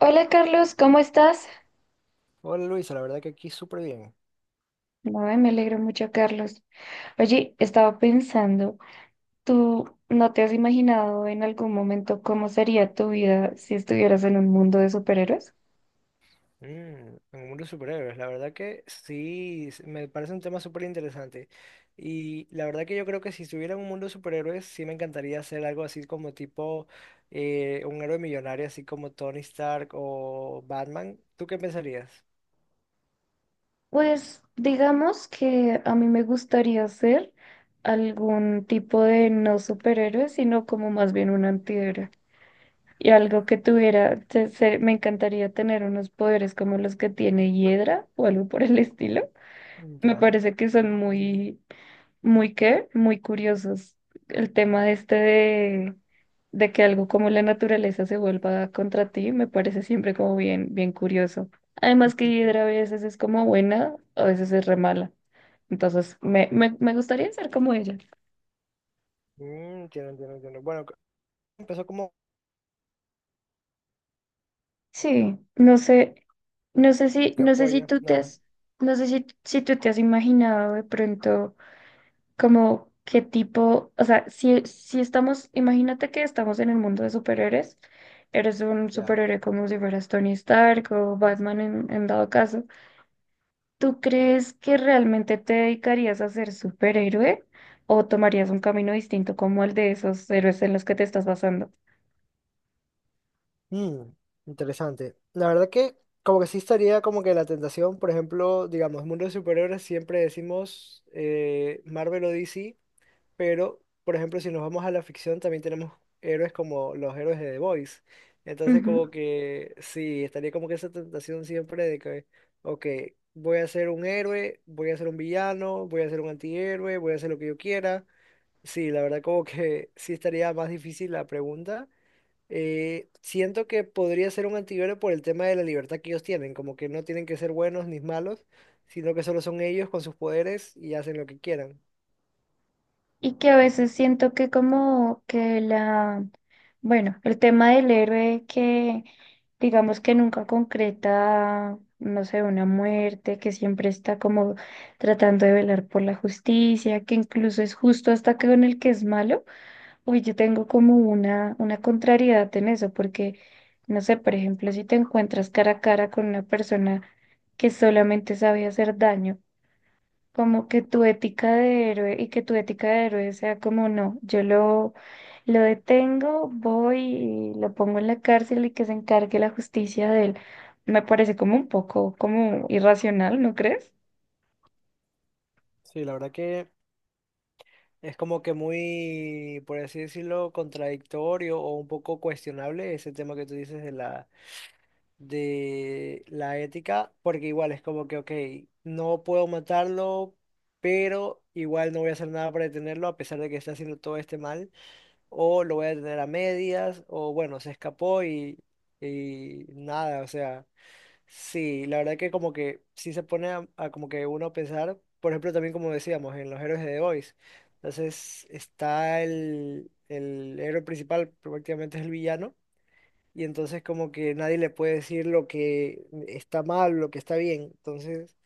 Hola Carlos, ¿cómo estás? Hola Luisa, la verdad que aquí súper bien. No, me alegro mucho, Carlos. Oye, estaba pensando, ¿tú no te has imaginado en algún momento cómo sería tu vida si estuvieras en un mundo de superhéroes? En el mundo de superhéroes, la verdad que sí, me parece un tema súper interesante. Y la verdad que yo creo que si estuviera en un mundo de superhéroes, sí me encantaría hacer algo así como tipo un héroe millonario, así como Tony Stark o Batman. ¿Tú qué pensarías? Pues digamos que a mí me gustaría ser algún tipo de no superhéroe, sino como más bien un antihéroe. Y algo que tuviera, me encantaría tener unos poderes como los que tiene Hiedra o algo por el estilo. Mm, Me ya. parece que son muy curiosos. El tema este de que algo como la naturaleza se vuelva contra ti me parece siempre como bien curioso. Además que Hidra a veces es como buena, a veces es re mala. Entonces me gustaría ser como ella. Mm, entiendo, entiendo, entiendo. Bueno, empezó como Sí, no sé, que no sé si apoya. tú te Ajá, has, no sé si, si tú te has imaginado de pronto, como qué tipo, o sea, si estamos, imagínate que estamos en el mundo de superhéroes, eres un ya. superhéroe como si fueras Tony Stark o Batman en dado caso, ¿tú crees que realmente te dedicarías a ser superhéroe o tomarías un camino distinto como el de esos héroes en los que te estás basando? Mm, interesante. La verdad que como que sí estaría como que la tentación, por ejemplo, digamos, mundo de superhéroes siempre decimos Marvel o DC, pero por ejemplo si nos vamos a la ficción también tenemos héroes como los héroes de The Boys. Entonces como que sí, estaría como que esa tentación siempre de que, ok, voy a ser un héroe, voy a ser un villano, voy a ser un antihéroe, voy a hacer lo que yo quiera. Sí, la verdad como que sí estaría más difícil la pregunta. Siento que podría ser un antihéroe por el tema de la libertad que ellos tienen, como que no tienen que ser buenos ni malos, sino que solo son ellos con sus poderes y hacen lo que quieran. Y que a veces siento que como que la, bueno, el tema del héroe que digamos que nunca concreta, no sé, una muerte, que siempre está como tratando de velar por la justicia, que incluso es justo hasta que con el que es malo, uy, yo tengo como una contrariedad en eso, porque no sé, por ejemplo, si te encuentras cara a cara con una persona que solamente sabe hacer daño, como que tu ética de héroe y que tu ética de héroe sea como no, lo detengo, voy y lo pongo en la cárcel y que se encargue la justicia de él. Me parece como un poco como irracional, ¿no crees? Sí, la verdad que es como que muy, por así decirlo, contradictorio o un poco cuestionable ese tema que tú dices de de la ética, porque igual es como que, ok, no puedo matarlo, pero igual no voy a hacer nada para detenerlo a pesar de que está haciendo todo este mal, o lo voy a tener a medias, o bueno, se escapó y nada, o sea, sí, la verdad que como que sí se pone a como que uno a pensar, por ejemplo, también como decíamos, en los héroes de The Boys, entonces está el héroe principal, prácticamente es el villano, y entonces como que nadie le puede decir lo que está mal, lo que está bien. Entonces,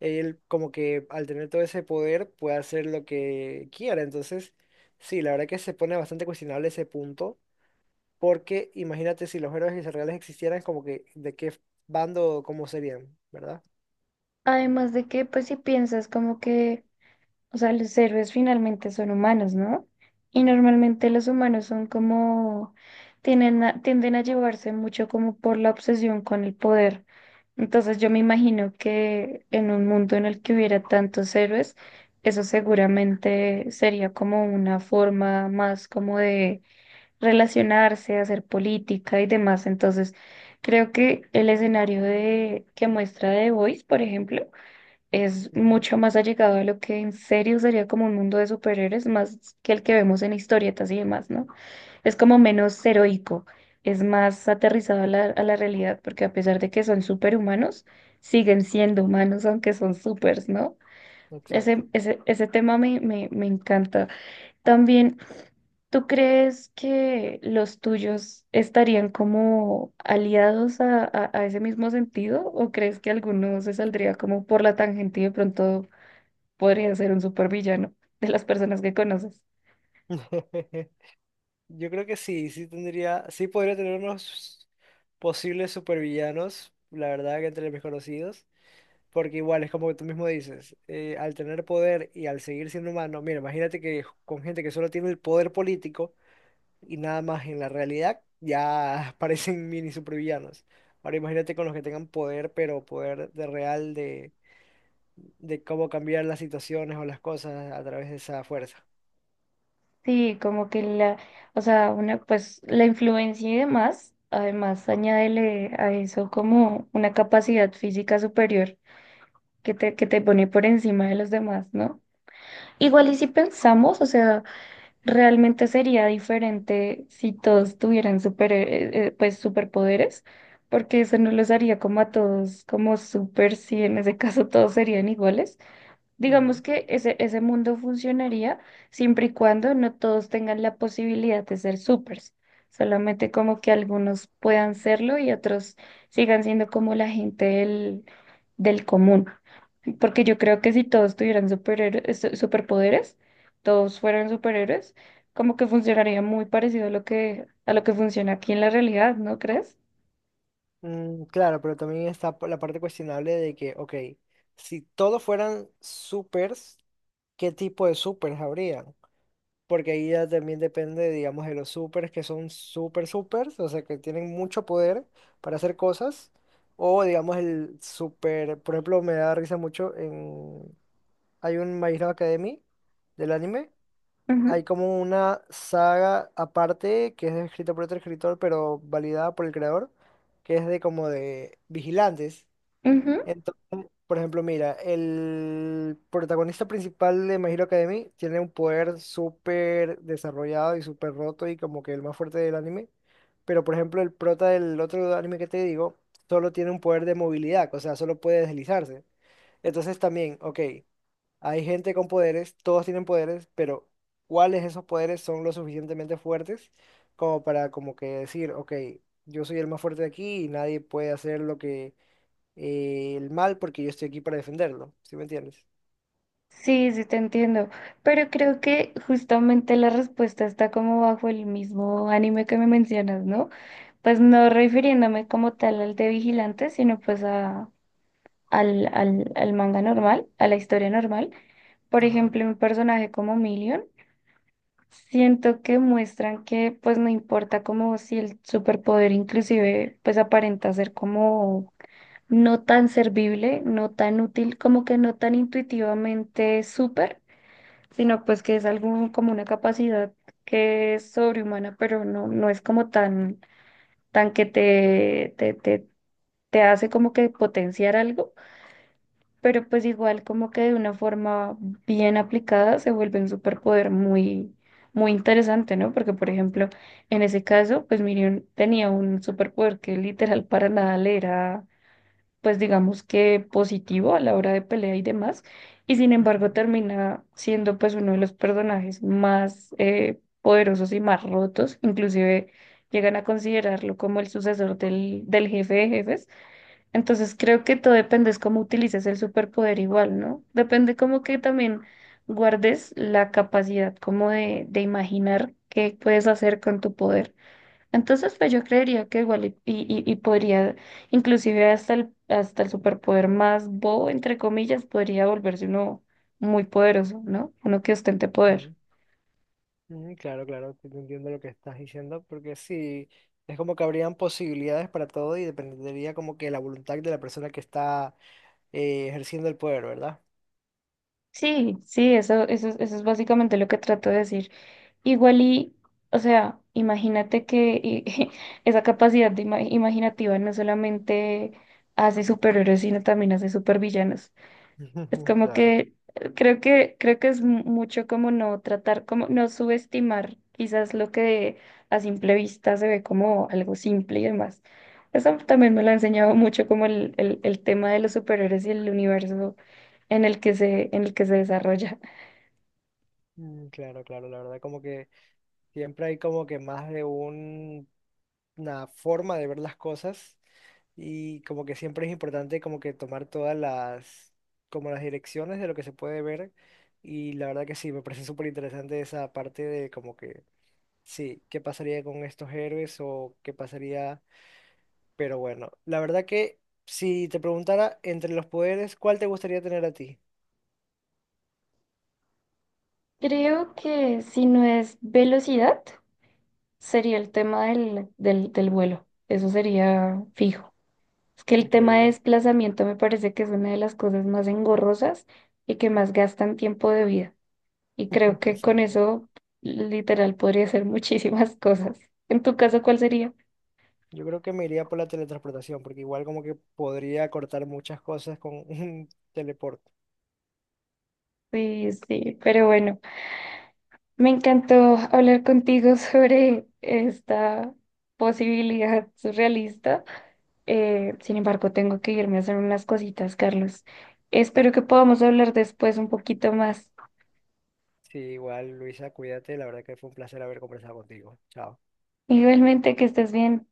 él como que al tener todo ese poder puede hacer lo que quiera. Entonces, sí, la verdad que se pone bastante cuestionable ese punto, porque imagínate si los héroes israelíes existieran, como que de qué bando, cómo serían, ¿verdad? Además de que, pues si piensas como que, o sea, los héroes finalmente son humanos, ¿no? Y normalmente los humanos son como, tienden a llevarse mucho como por la obsesión con el poder. Entonces yo me imagino que en un mundo en el que hubiera tantos héroes, eso seguramente sería como una forma más como de relacionarse, hacer política y demás. Entonces creo que el escenario de, que muestra The Voice, por ejemplo, es Ujú, mucho más allegado a lo que en serio sería como un mundo de superhéroes, más que el que vemos en historietas y demás, ¿no? Es como menos heroico, es más aterrizado a a la realidad, porque a pesar de que son superhumanos, siguen siendo humanos, aunque son supers, ¿no? Exacto. Ese tema me encanta. También, ¿tú crees que los tuyos estarían como aliados a ese mismo sentido? ¿O crees que alguno se saldría como por la tangente y de pronto podría ser un supervillano de las personas que conoces? Yo creo que sí, sí tendría, sí podría tener unos posibles supervillanos, la verdad que entre mis conocidos. Porque igual es como tú mismo dices, al tener poder y al seguir siendo humano, mira, imagínate que con gente que solo tiene el poder político y nada más en la realidad, ya parecen mini supervillanos. Ahora imagínate con los que tengan poder, pero poder de real de cómo cambiar las situaciones o las cosas a través de esa fuerza. Sí, como que la, o sea, una, pues la influencia y demás, además añádele a eso como una capacidad física superior que te pone por encima de los demás, ¿no? Igual y si pensamos, o sea, realmente sería diferente si todos tuvieran super, pues superpoderes, porque eso no los haría como a todos, como super, si en ese caso todos serían iguales. Digamos Ujú. que ese mundo funcionaría siempre y cuando no todos tengan la posibilidad de ser supers, solamente como que algunos puedan serlo y otros sigan siendo como la gente del, del común. Porque yo creo que si todos tuvieran superhéroes, superpoderes, todos fueran superhéroes, como que funcionaría muy parecido a lo que funciona aquí en la realidad, ¿no crees? Mm, claro, pero también está la parte cuestionable de que, ok, si todos fueran supers, ¿qué tipo de supers habría? Porque ahí ya también depende, digamos, de los supers que son super supers, o sea, que tienen mucho poder para hacer cosas, o digamos el super, por ejemplo, me da risa mucho en, hay un My Hero Academy del anime, Ujú, hay como una saga aparte que es escrita por otro escritor, pero validada por el creador, que es de como de vigilantes. ujú. Entonces, por ejemplo, mira, el protagonista principal de My Hero Academy tiene un poder súper desarrollado y súper roto y como que el más fuerte del anime. Pero, por ejemplo, el prota del otro anime que te digo solo tiene un poder de movilidad, o sea, solo puede deslizarse. Entonces también, ok, hay gente con poderes, todos tienen poderes, pero ¿cuáles de esos poderes son lo suficientemente fuertes como para como que decir, ok, yo soy el más fuerte de aquí y nadie puede hacer lo que el mal porque yo estoy aquí para defenderlo, ¿sí me entiendes? Sí, sí, te entiendo, pero creo que justamente la respuesta está como bajo el mismo anime que me mencionas, ¿no? Pues no refiriéndome como tal al de Vigilante, sino pues a, al manga normal, a la historia normal. Por Ajá. ejemplo, un personaje como Million, siento que muestran que pues no importa como si el superpoder inclusive pues aparenta ser como no tan servible, no tan útil, como que no tan intuitivamente súper, sino pues que es algo como una capacidad que es sobrehumana, pero no, no es como tan, tan que te hace como que potenciar algo, pero pues igual como que de una forma bien aplicada se vuelve un superpoder muy, muy interesante, ¿no? Porque por ejemplo, en ese caso, pues Miriam tenía un superpoder que literal para nada le era pues digamos que positivo a la hora de pelea y demás, y sin embargo ujú, termina siendo pues uno de los personajes más poderosos y más rotos, inclusive llegan a considerarlo como el sucesor del, del jefe de jefes. Entonces creo que todo depende es cómo utilices el superpoder igual, ¿no? Depende como que también guardes la capacidad como de imaginar qué puedes hacer con tu poder. Entonces, pues yo creería que igual y podría, inclusive hasta hasta el superpoder más bobo, entre comillas, podría volverse uno muy poderoso, ¿no? Uno que ostente poder. ujú, Claro, claro, sí te entiendo lo que estás diciendo, porque sí, es como que habrían posibilidades para todo y dependería como que la voluntad de la persona que está ejerciendo el poder, ¿verdad? Sí, sí, eso es básicamente lo que trato de decir. Igual y, o sea, esa capacidad de imaginativa no solamente hace superhéroes, sino también hace supervillanos. Es como Claro. que creo que es mucho como no tratar, como no subestimar quizás lo que a simple vista se ve como algo simple y demás. Eso también me lo ha enseñado mucho como el tema de los superhéroes y el universo en el que en el que se desarrolla. Mm, claro, claro, la verdad como que siempre hay como que más de un una forma de ver las cosas y como que siempre es importante como que tomar todas las, como las direcciones de lo que se puede ver y la verdad que sí, me parece súper interesante esa parte de como que, sí, qué pasaría con estos héroes o qué pasaría, pero bueno, la verdad que si te preguntara entre los poderes, ¿cuál te gustaría tener a ti? Creo que si no es velocidad, sería el tema del, del vuelo. Eso sería fijo. Es que el tema de Increíble, desplazamiento me parece que es una de las cosas más engorrosas y que más gastan tiempo de vida. Y creo que con exacto. eso, literal, podría hacer muchísimas cosas. En tu caso, ¿cuál sería? Yo creo que me iría por la teletransportación, porque igual como que podría cortar muchas cosas con un teleporte. Sí, sí, pero bueno, me encantó hablar contigo sobre esta posibilidad surrealista. Sin embargo, tengo que irme a hacer unas cositas, Carlos. Espero que podamos hablar después un poquito más. Sí, igual, Luisa, cuídate. La verdad que fue un placer haber conversado contigo. Chao. Igualmente, que estés bien.